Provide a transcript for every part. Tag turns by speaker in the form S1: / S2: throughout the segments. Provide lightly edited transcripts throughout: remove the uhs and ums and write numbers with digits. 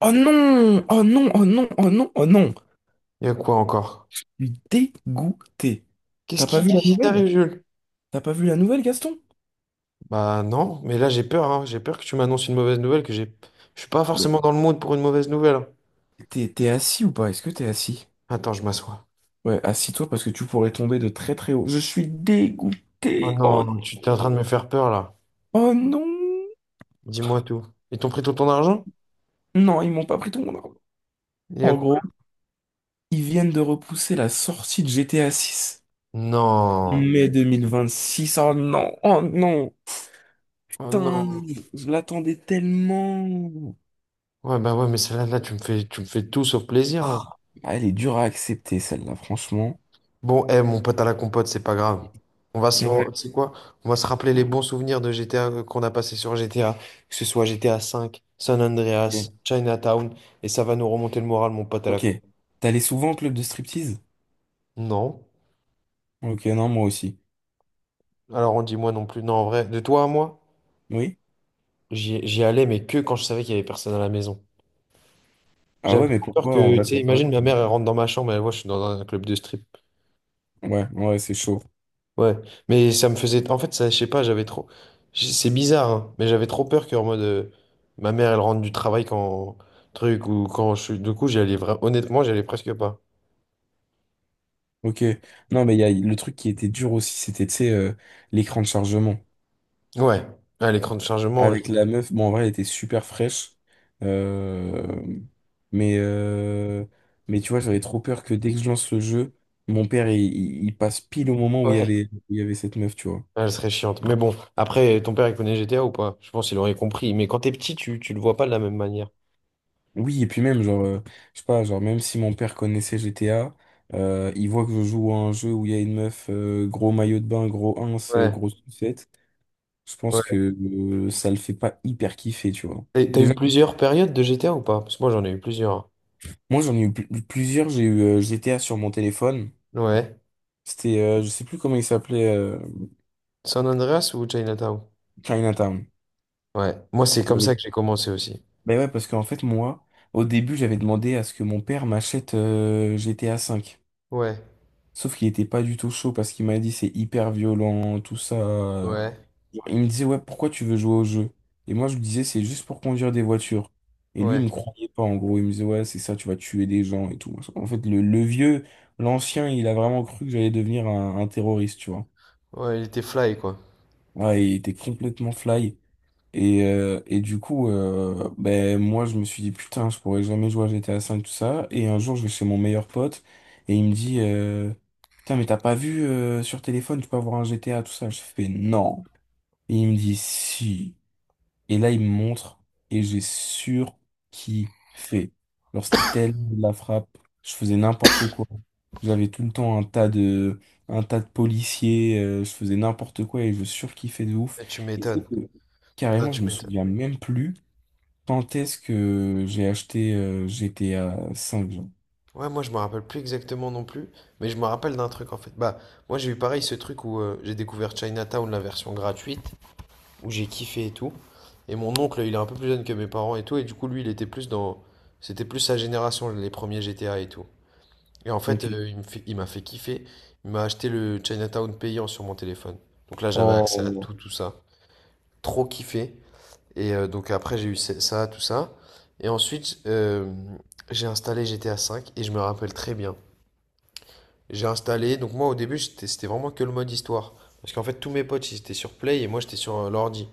S1: Oh non! Oh non! Oh non! Oh non! Oh non!
S2: Il y a quoi encore?
S1: Je suis dégoûté.
S2: Qu'est-ce
S1: T'as pas
S2: qui,
S1: vu la
S2: qu'est-ce qui
S1: nouvelle?
S2: t'arrive, Jules?
S1: T'as pas vu la nouvelle, Gaston?
S2: Bah non, mais là j'ai peur, hein. J'ai peur que tu m'annonces une mauvaise nouvelle, que j'ai. Je suis pas
S1: Mais
S2: forcément dans le mood pour une mauvaise nouvelle.
S1: t'es assis ou pas? Est-ce que t'es assis?
S2: Attends, je m'assois.
S1: Ouais, assis-toi parce que tu pourrais tomber de très très haut. Je suis
S2: Oh
S1: dégoûté. Oh
S2: non, tu t'es en train de me
S1: non!
S2: faire peur là.
S1: Oh non!
S2: Dis-moi tout. Ils t'ont pris tout ton argent?
S1: Non, ils m'ont pas pris tout mon argent.
S2: Il y a
S1: En
S2: quoi?
S1: gros, ils viennent de repousser la sortie de GTA 6.
S2: Non.
S1: Mai 2026. Oh non! Oh non!
S2: Oh
S1: Putain!
S2: non.
S1: Je l'attendais tellement!
S2: Ouais, bah ouais, mais celle-là, là, tu me fais tout sauf plaisir là.
S1: Ah, elle est dure à accepter, celle-là, franchement.
S2: Bon, eh, mon pote à la compote, c'est pas grave. On va, se- on- Tu
S1: Ouais.
S2: sais quoi? On va se rappeler les bons souvenirs de GTA qu'on a passé sur GTA, que ce soit GTA 5, San Andreas,
S1: Ok.
S2: Chinatown, et ça va nous remonter le moral, mon pote à la
S1: Ok.
S2: compote.
S1: T'allais souvent au club de striptease?
S2: Non.
S1: Ok, non, moi aussi.
S2: Alors on dit moi non plus. Non, en vrai, de toi à moi,
S1: Oui?
S2: j'y allais, mais que quand je savais qu'il y avait personne à la maison.
S1: Ah ouais,
S2: J'avais
S1: mais
S2: trop peur
S1: pourquoi en
S2: que, tu
S1: vrai,
S2: sais,
S1: pourquoi?
S2: imagine ma mère, elle rentre dans ma chambre, elle voit, je suis dans un club de strip.
S1: Ouais, ouais, c'est chaud.
S2: Ouais, mais ça me faisait. En fait, ça, je sais pas, j'avais trop. C'est bizarre, hein, mais j'avais trop peur qu'en mode. Ma mère, elle rentre du travail quand. Truc, ou quand je suis. Du coup, j'y allais Honnêtement, j'y allais presque pas.
S1: Ok. Non, mais il y a le truc qui était dur aussi, c'était, tu sais, l'écran de chargement.
S2: Ouais, à l'écran de chargement,
S1: Avec la meuf, bon, en vrai, elle était super fraîche. Euh, Mais, euh, mais tu vois, j'avais trop peur que dès que je lance le jeu, mon père, il passe pile au moment où il y
S2: ouais,
S1: avait, où il y avait cette meuf, tu vois.
S2: elle serait chiante. Mais bon, après, ton père, il connaît GTA ou pas? Je pense qu'il aurait compris. Mais quand t'es petit, tu le vois pas de la même manière.
S1: Oui, et puis même, genre, je sais pas, genre, même si mon père connaissait GTA, il voit que je joue à un jeu où il y a une meuf, gros maillot de bain,
S2: Ouais,
S1: grosse sucette, je pense
S2: ouais.
S1: que ça le fait pas hyper kiffer, tu vois.
S2: Et t'as eu
S1: Déjà que
S2: plusieurs périodes de GTA ou pas? Parce que moi, j'en ai eu plusieurs.
S1: moi, j'en ai eu plusieurs, j'ai eu GTA sur mon téléphone.
S2: Ouais.
S1: C'était, je sais plus comment il s'appelait,
S2: San Andreas ou Chinatown?
S1: Chinatown.
S2: Ouais. Moi, c'est comme ça que
S1: J'avais-
S2: j'ai commencé aussi.
S1: Ben ouais, parce qu'en fait, moi, au début, j'avais demandé à ce que mon père m'achète GTA 5.
S2: Ouais,
S1: Sauf qu'il était pas du tout chaud parce qu'il m'a dit c'est hyper violent, tout ça.
S2: ouais,
S1: Il me disait, ouais, pourquoi tu veux jouer au jeu? Et moi, je lui disais, c'est juste pour conduire des voitures. Et lui, il
S2: ouais.
S1: me croyait pas, en gros. Il me disait, ouais, c'est ça, tu vas tuer des gens et tout. En fait, le vieux, l'ancien, il a vraiment cru que j'allais devenir un terroriste, tu vois.
S2: Ouais, il était fly, quoi.
S1: Ouais, il était complètement fly. Et du coup, ben, moi, je me suis dit, putain, je pourrais jamais jouer à GTA V, tout ça. Et un jour, je vais chez mon meilleur pote et il me dit, putain, mais t'as pas vu, sur téléphone, tu peux avoir un GTA, tout ça. Je fais, non. Et il me dit, si. Et là, il me montre et j'ai surkiffé. Alors, c'était tellement de la frappe. Je faisais n'importe quoi. J'avais tout le temps un tas de policiers. Je faisais n'importe quoi et je surkiffais de ouf.
S2: Eh, tu
S1: Et c'est
S2: m'étonnes.
S1: que,
S2: Non,
S1: carrément, je
S2: tu
S1: me
S2: m'étonnes.
S1: souviens même plus quand est-ce que j'ai acheté GTA 5 genre.
S2: Ouais, moi, je me rappelle plus exactement non plus, mais je me rappelle d'un truc, en fait. Bah, moi, j'ai eu pareil ce truc où j'ai découvert Chinatown, la version gratuite, où j'ai kiffé et tout. Et mon oncle, il est un peu plus jeune que mes parents et tout, et du coup, lui, il était plus dans. C'était plus sa génération, les premiers GTA et tout. Et en fait,
S1: Ok.
S2: il m'a fait kiffer. Il m'a acheté le Chinatown payant sur mon téléphone. Donc là, j'avais accès à
S1: Oh,
S2: tout, tout ça. Trop kiffé. Et donc après, j'ai eu ça, tout ça. Et ensuite, j'ai installé GTA V et je me rappelle très bien. J'ai installé, donc moi au début, c'était vraiment que le mode histoire. Parce qu'en fait, tous mes potes, ils étaient sur Play et moi, j'étais sur l'ordi.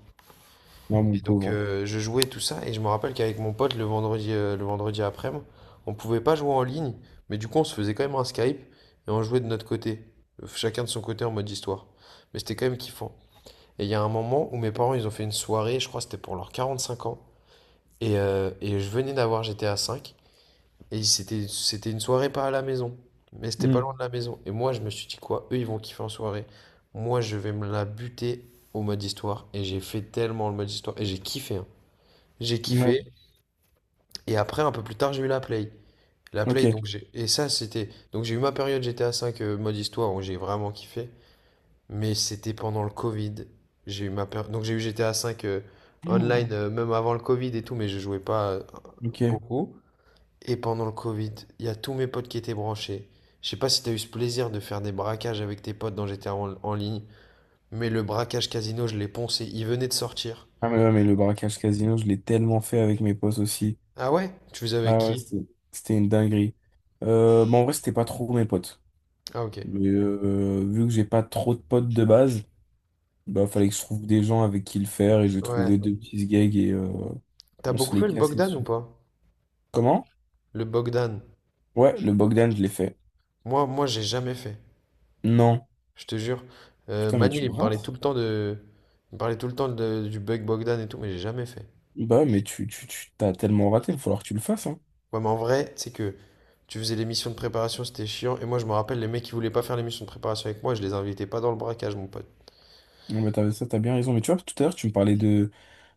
S1: non, mon
S2: Et donc,
S1: pauvre.
S2: je jouais tout ça et je me rappelle qu'avec mon pote, le vendredi après-midi, on pouvait pas jouer en ligne, mais du coup, on se faisait quand même un Skype et on jouait de notre côté. Chacun de son côté en mode histoire. Mais c'était quand même kiffant. Et il y a un moment où mes parents, ils ont fait une soirée, je crois que c'était pour leurs 45 ans. Et je venais d'avoir GTA V. Et c'était une soirée pas à la maison. Mais c'était pas
S1: Hmm.
S2: loin de la maison. Et moi, je me suis dit quoi? Eux, ils vont kiffer en soirée. Moi, je vais me la buter au mode histoire. Et j'ai fait tellement le mode histoire. Et j'ai kiffé, hein. J'ai
S1: Ouais,
S2: kiffé. Et après, un peu plus tard, j'ai eu la play. La play,
S1: ok.
S2: donc j'ai. Et ça, c'était. Donc j'ai eu ma période GTA V mode histoire où j'ai vraiment kiffé. Mais c'était pendant le Covid. J'ai eu ma Donc j'ai eu GTA V online,
S1: Hmm,
S2: même avant le Covid et tout. Mais je jouais pas
S1: ok.
S2: beaucoup. Et pendant le Covid, il y a tous mes potes qui étaient branchés. Je sais pas si t'as eu ce plaisir de faire des braquages avec tes potes dont j'étais en ligne, mais le braquage casino, je l'ai poncé, il venait de sortir.
S1: Ah, mais ouais, mais le braquage casino, je l'ai tellement fait avec mes potes aussi.
S2: Ah ouais? Tu faisais avec
S1: Ah ouais,
S2: qui?
S1: c'était une dinguerie. Mais en vrai, c'était pas trop mes potes.
S2: Ah ok.
S1: Mais, vu que j'ai pas trop de potes de base, bah fallait que je trouve des gens avec qui le faire et j'ai
S2: Ouais.
S1: trouvé deux petits gags et
S2: T'as
S1: on se
S2: beaucoup
S1: les
S2: fait le
S1: cassait
S2: Bogdan ou
S1: dessus.
S2: pas?
S1: Comment?
S2: Le Bogdan.
S1: Ouais, le Bogdan, je l'ai fait.
S2: Moi, j'ai jamais fait.
S1: Non.
S2: Je te jure.
S1: Putain, mais
S2: Manil,
S1: tu rentres?
S2: il me parlait tout le temps de- du bug Bogdan et tout, mais j'ai jamais fait.
S1: Bah, mais tu t'as tellement raté, il va falloir que tu le fasses, hein.
S2: Ouais, mais en vrai, c'est que tu faisais les missions de préparation, c'était chiant. Et moi, je me rappelle, les mecs qui voulaient pas faire les missions de préparation avec moi, je les invitais pas dans le braquage, mon pote.
S1: Non, mais t'as, ça, t'as bien raison. Mais tu vois, tout à l'heure, tu me parlais de,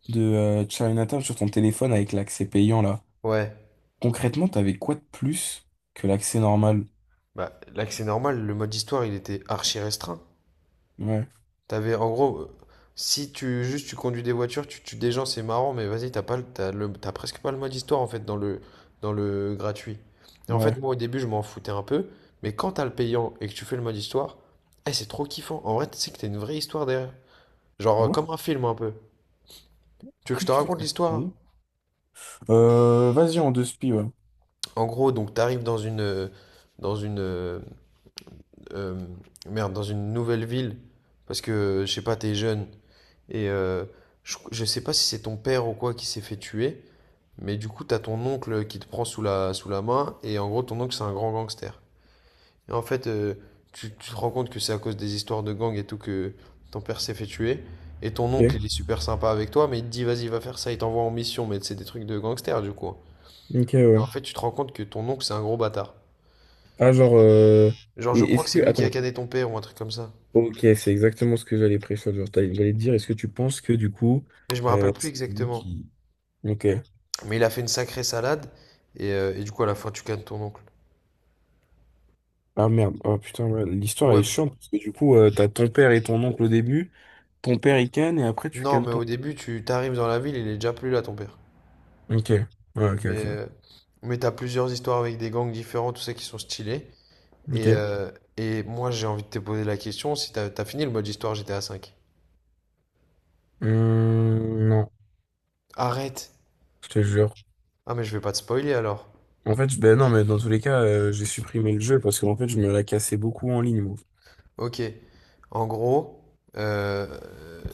S1: de euh, Chinatown sur ton téléphone avec l'accès payant, là.
S2: Ouais,
S1: Concrètement, t'avais quoi de plus que l'accès normal?
S2: bah là que c'est normal, le mode histoire il était archi restreint.
S1: Ouais,
S2: T'avais en gros, si tu juste tu conduis des voitures, tu tues des gens, c'est marrant, mais vas-y, t'as pas le, t'as presque pas le mode histoire en fait dans le, gratuit. Et en fait,
S1: ouais.
S2: moi au début je m'en foutais un peu, mais quand t'as le payant et que tu fais le mode histoire, eh, c'est trop kiffant. En vrai, tu sais que t'as une vraie histoire derrière. Genre
S1: Ah ouais.
S2: comme un film un peu. Tu veux que je te
S1: Qu'est-ce
S2: raconte
S1: que
S2: l'histoire?
S1: je Vas-y, en deux spi, ouais.
S2: En gros, donc t'arrives dans une, dans une, euh, euh, merde, dans une nouvelle ville parce que je sais pas, t'es jeune. Et je sais pas si c'est ton père ou quoi qui s'est fait tuer, mais du coup, t'as ton oncle qui te prend sous la main, et en gros, ton oncle, c'est un grand gangster. Et en fait, tu te rends compte que c'est à cause des histoires de gang et tout que ton père s'est fait tuer, et ton oncle,
S1: Ok,
S2: il est super sympa avec toi, mais il te dit, vas-y, va faire ça, il t'envoie en mission, mais c'est des trucs de gangster, du coup.
S1: ok,
S2: Et en
S1: ouais.
S2: fait, tu te rends compte que ton oncle, c'est un gros bâtard.
S1: Ah, genre,
S2: Genre, je
S1: et
S2: crois
S1: est-ce
S2: que c'est
S1: que,
S2: lui qui a
S1: attends,
S2: cané ton père ou un truc comme ça.
S1: ok, c'est exactement ce que j'allais pré Genre, j'allais te dire, est-ce que tu penses que du coup,
S2: Mais je me rappelle plus
S1: c'est lui
S2: exactement.
S1: qui. Ok.
S2: Mais il a fait une sacrée salade, et du coup, à la fin, tu cannes ton oncle.
S1: Ah merde, oh putain, ouais, l'histoire elle est
S2: Ouais,
S1: chiante parce que du coup, t'as ton père et ton oncle au début, ton père il canne et après tu
S2: non,
S1: cannes
S2: mais
S1: ton.
S2: au début, tu t'arrives dans la ville, il est déjà plus là, ton père.
S1: Ok, ouais, ok,
S2: Mais,
S1: ok.
S2: euh, mais t'as plusieurs histoires avec des gangs différents, tout ça qui sont stylés. Et,
S1: Ok.
S2: euh, et moi, j'ai envie de te poser la question si t'as fini le mode histoire GTA V.
S1: Non,
S2: Arrête!
S1: je te jure.
S2: Ah, mais je vais pas te spoiler alors.
S1: En fait, ben non, mais dans tous les cas, j'ai supprimé le jeu parce qu'en fait, je me la cassais beaucoup en ligne, moi.
S2: Ok. En gros, euh,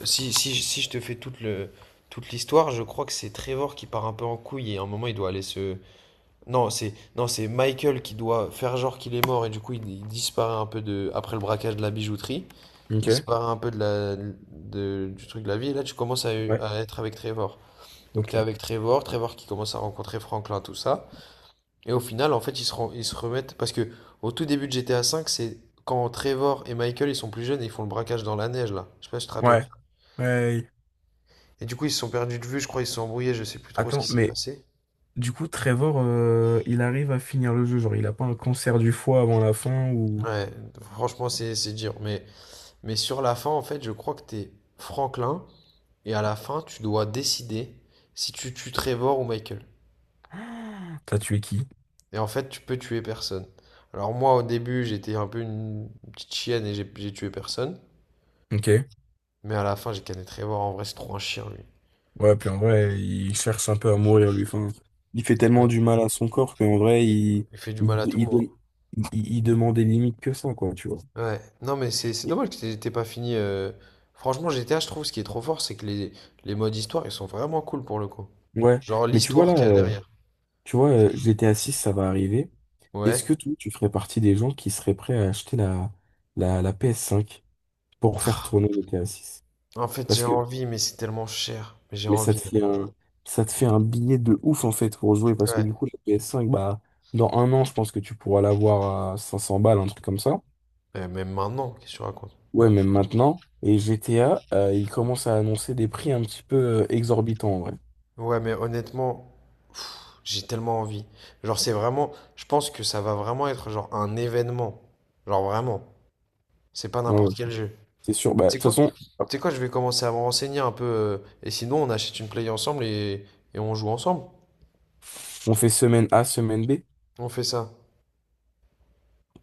S2: si je te fais toute l'histoire, je crois que c'est Trevor qui part un peu en couille et à un moment, il doit aller se. Non, c'est non, c'est Michael qui doit faire genre qu'il est mort et du coup, il disparaît un peu de, après le braquage de la bijouterie.
S1: Ok?
S2: Disparaît un peu du truc de la vie. Et là, tu commences à,
S1: Ouais.
S2: à être avec Trevor. Donc, tu
S1: Ok.
S2: es avec Trevor, Trevor qui commence à rencontrer Franklin, tout ça. Et au final, en fait, ils se remettent. Parce que au tout début de GTA V, c'est quand Trevor et Michael, ils sont plus jeunes et ils font le braquage dans la neige, là. Je sais pas si tu te rappelles.
S1: Ouais. Ouais.
S2: Et du coup, ils se sont perdus de vue, je crois, ils se sont embrouillés, je sais plus trop ce
S1: Attends,
S2: qui s'est
S1: mais
S2: passé.
S1: du coup, Trevor, il arrive à finir le jeu. Genre, il a pas un cancer du foie avant la fin ou
S2: Ouais, franchement, c'est dur. Mais sur la fin, en fait, je crois que t'es Franklin. Et à la fin, tu dois décider si tu tues Trevor ou Michael.
S1: t'as tué qui?
S2: Et en fait, tu peux tuer personne. Alors moi, au début, j'étais un peu une petite chienne et j'ai tué personne.
S1: Ok.
S2: Mais à la fin, j'ai canné Trevor. En vrai, c'est trop un chien, lui.
S1: Ouais, puis en vrai, il cherche un peu à mourir, lui. Enfin, il fait tellement du
S2: Ouais.
S1: mal à son corps qu'en vrai,
S2: Il fait du
S1: il,
S2: mal à tout le monde.
S1: il, il demandait limite que ça, quoi, tu vois.
S2: Ouais. Non, mais c'est
S1: Et-
S2: dommage que t'aies pas fini. Franchement, GTA, je trouve, ce qui est trop fort, c'est que les modes histoire, ils sont vraiment cool pour le coup.
S1: Ouais.
S2: Genre
S1: Mais tu vois,
S2: l'histoire
S1: là,
S2: qu'il y a derrière.
S1: tu vois, GTA 6, ça va arriver.
S2: Ouais.
S1: Est-ce que toi, tu ferais partie des gens qui seraient prêts à acheter la PS5 pour faire tourner GTA 6?
S2: En fait,
S1: Parce
S2: j'ai
S1: que
S2: envie, mais c'est tellement cher. Mais j'ai
S1: Mais ça te
S2: envie.
S1: fait un, ça te fait un billet de ouf en fait pour jouer parce que du
S2: Ouais.
S1: coup, la PS5, bah, dans un an, je pense que tu pourras l'avoir à 500 balles, un truc comme ça.
S2: Même maintenant, qu'est-ce que tu racontes?
S1: Ouais, même maintenant. Et GTA, ils commencent à annoncer des prix un petit peu exorbitants, ouais.
S2: Ouais, mais honnêtement, j'ai tellement envie. Genre, c'est vraiment. Je pense que ça va vraiment être genre un événement. Genre, vraiment. C'est pas
S1: Ouais,
S2: n'importe
S1: ouais.
S2: quel jeu.
S1: C'est sûr. Bah, de
S2: Tu sais
S1: toute
S2: quoi? Tu
S1: façon,
S2: sais quoi? Je vais commencer à me renseigner un peu, et sinon, on achète une play ensemble et on joue ensemble.
S1: on fait semaine A, semaine B.
S2: On fait ça.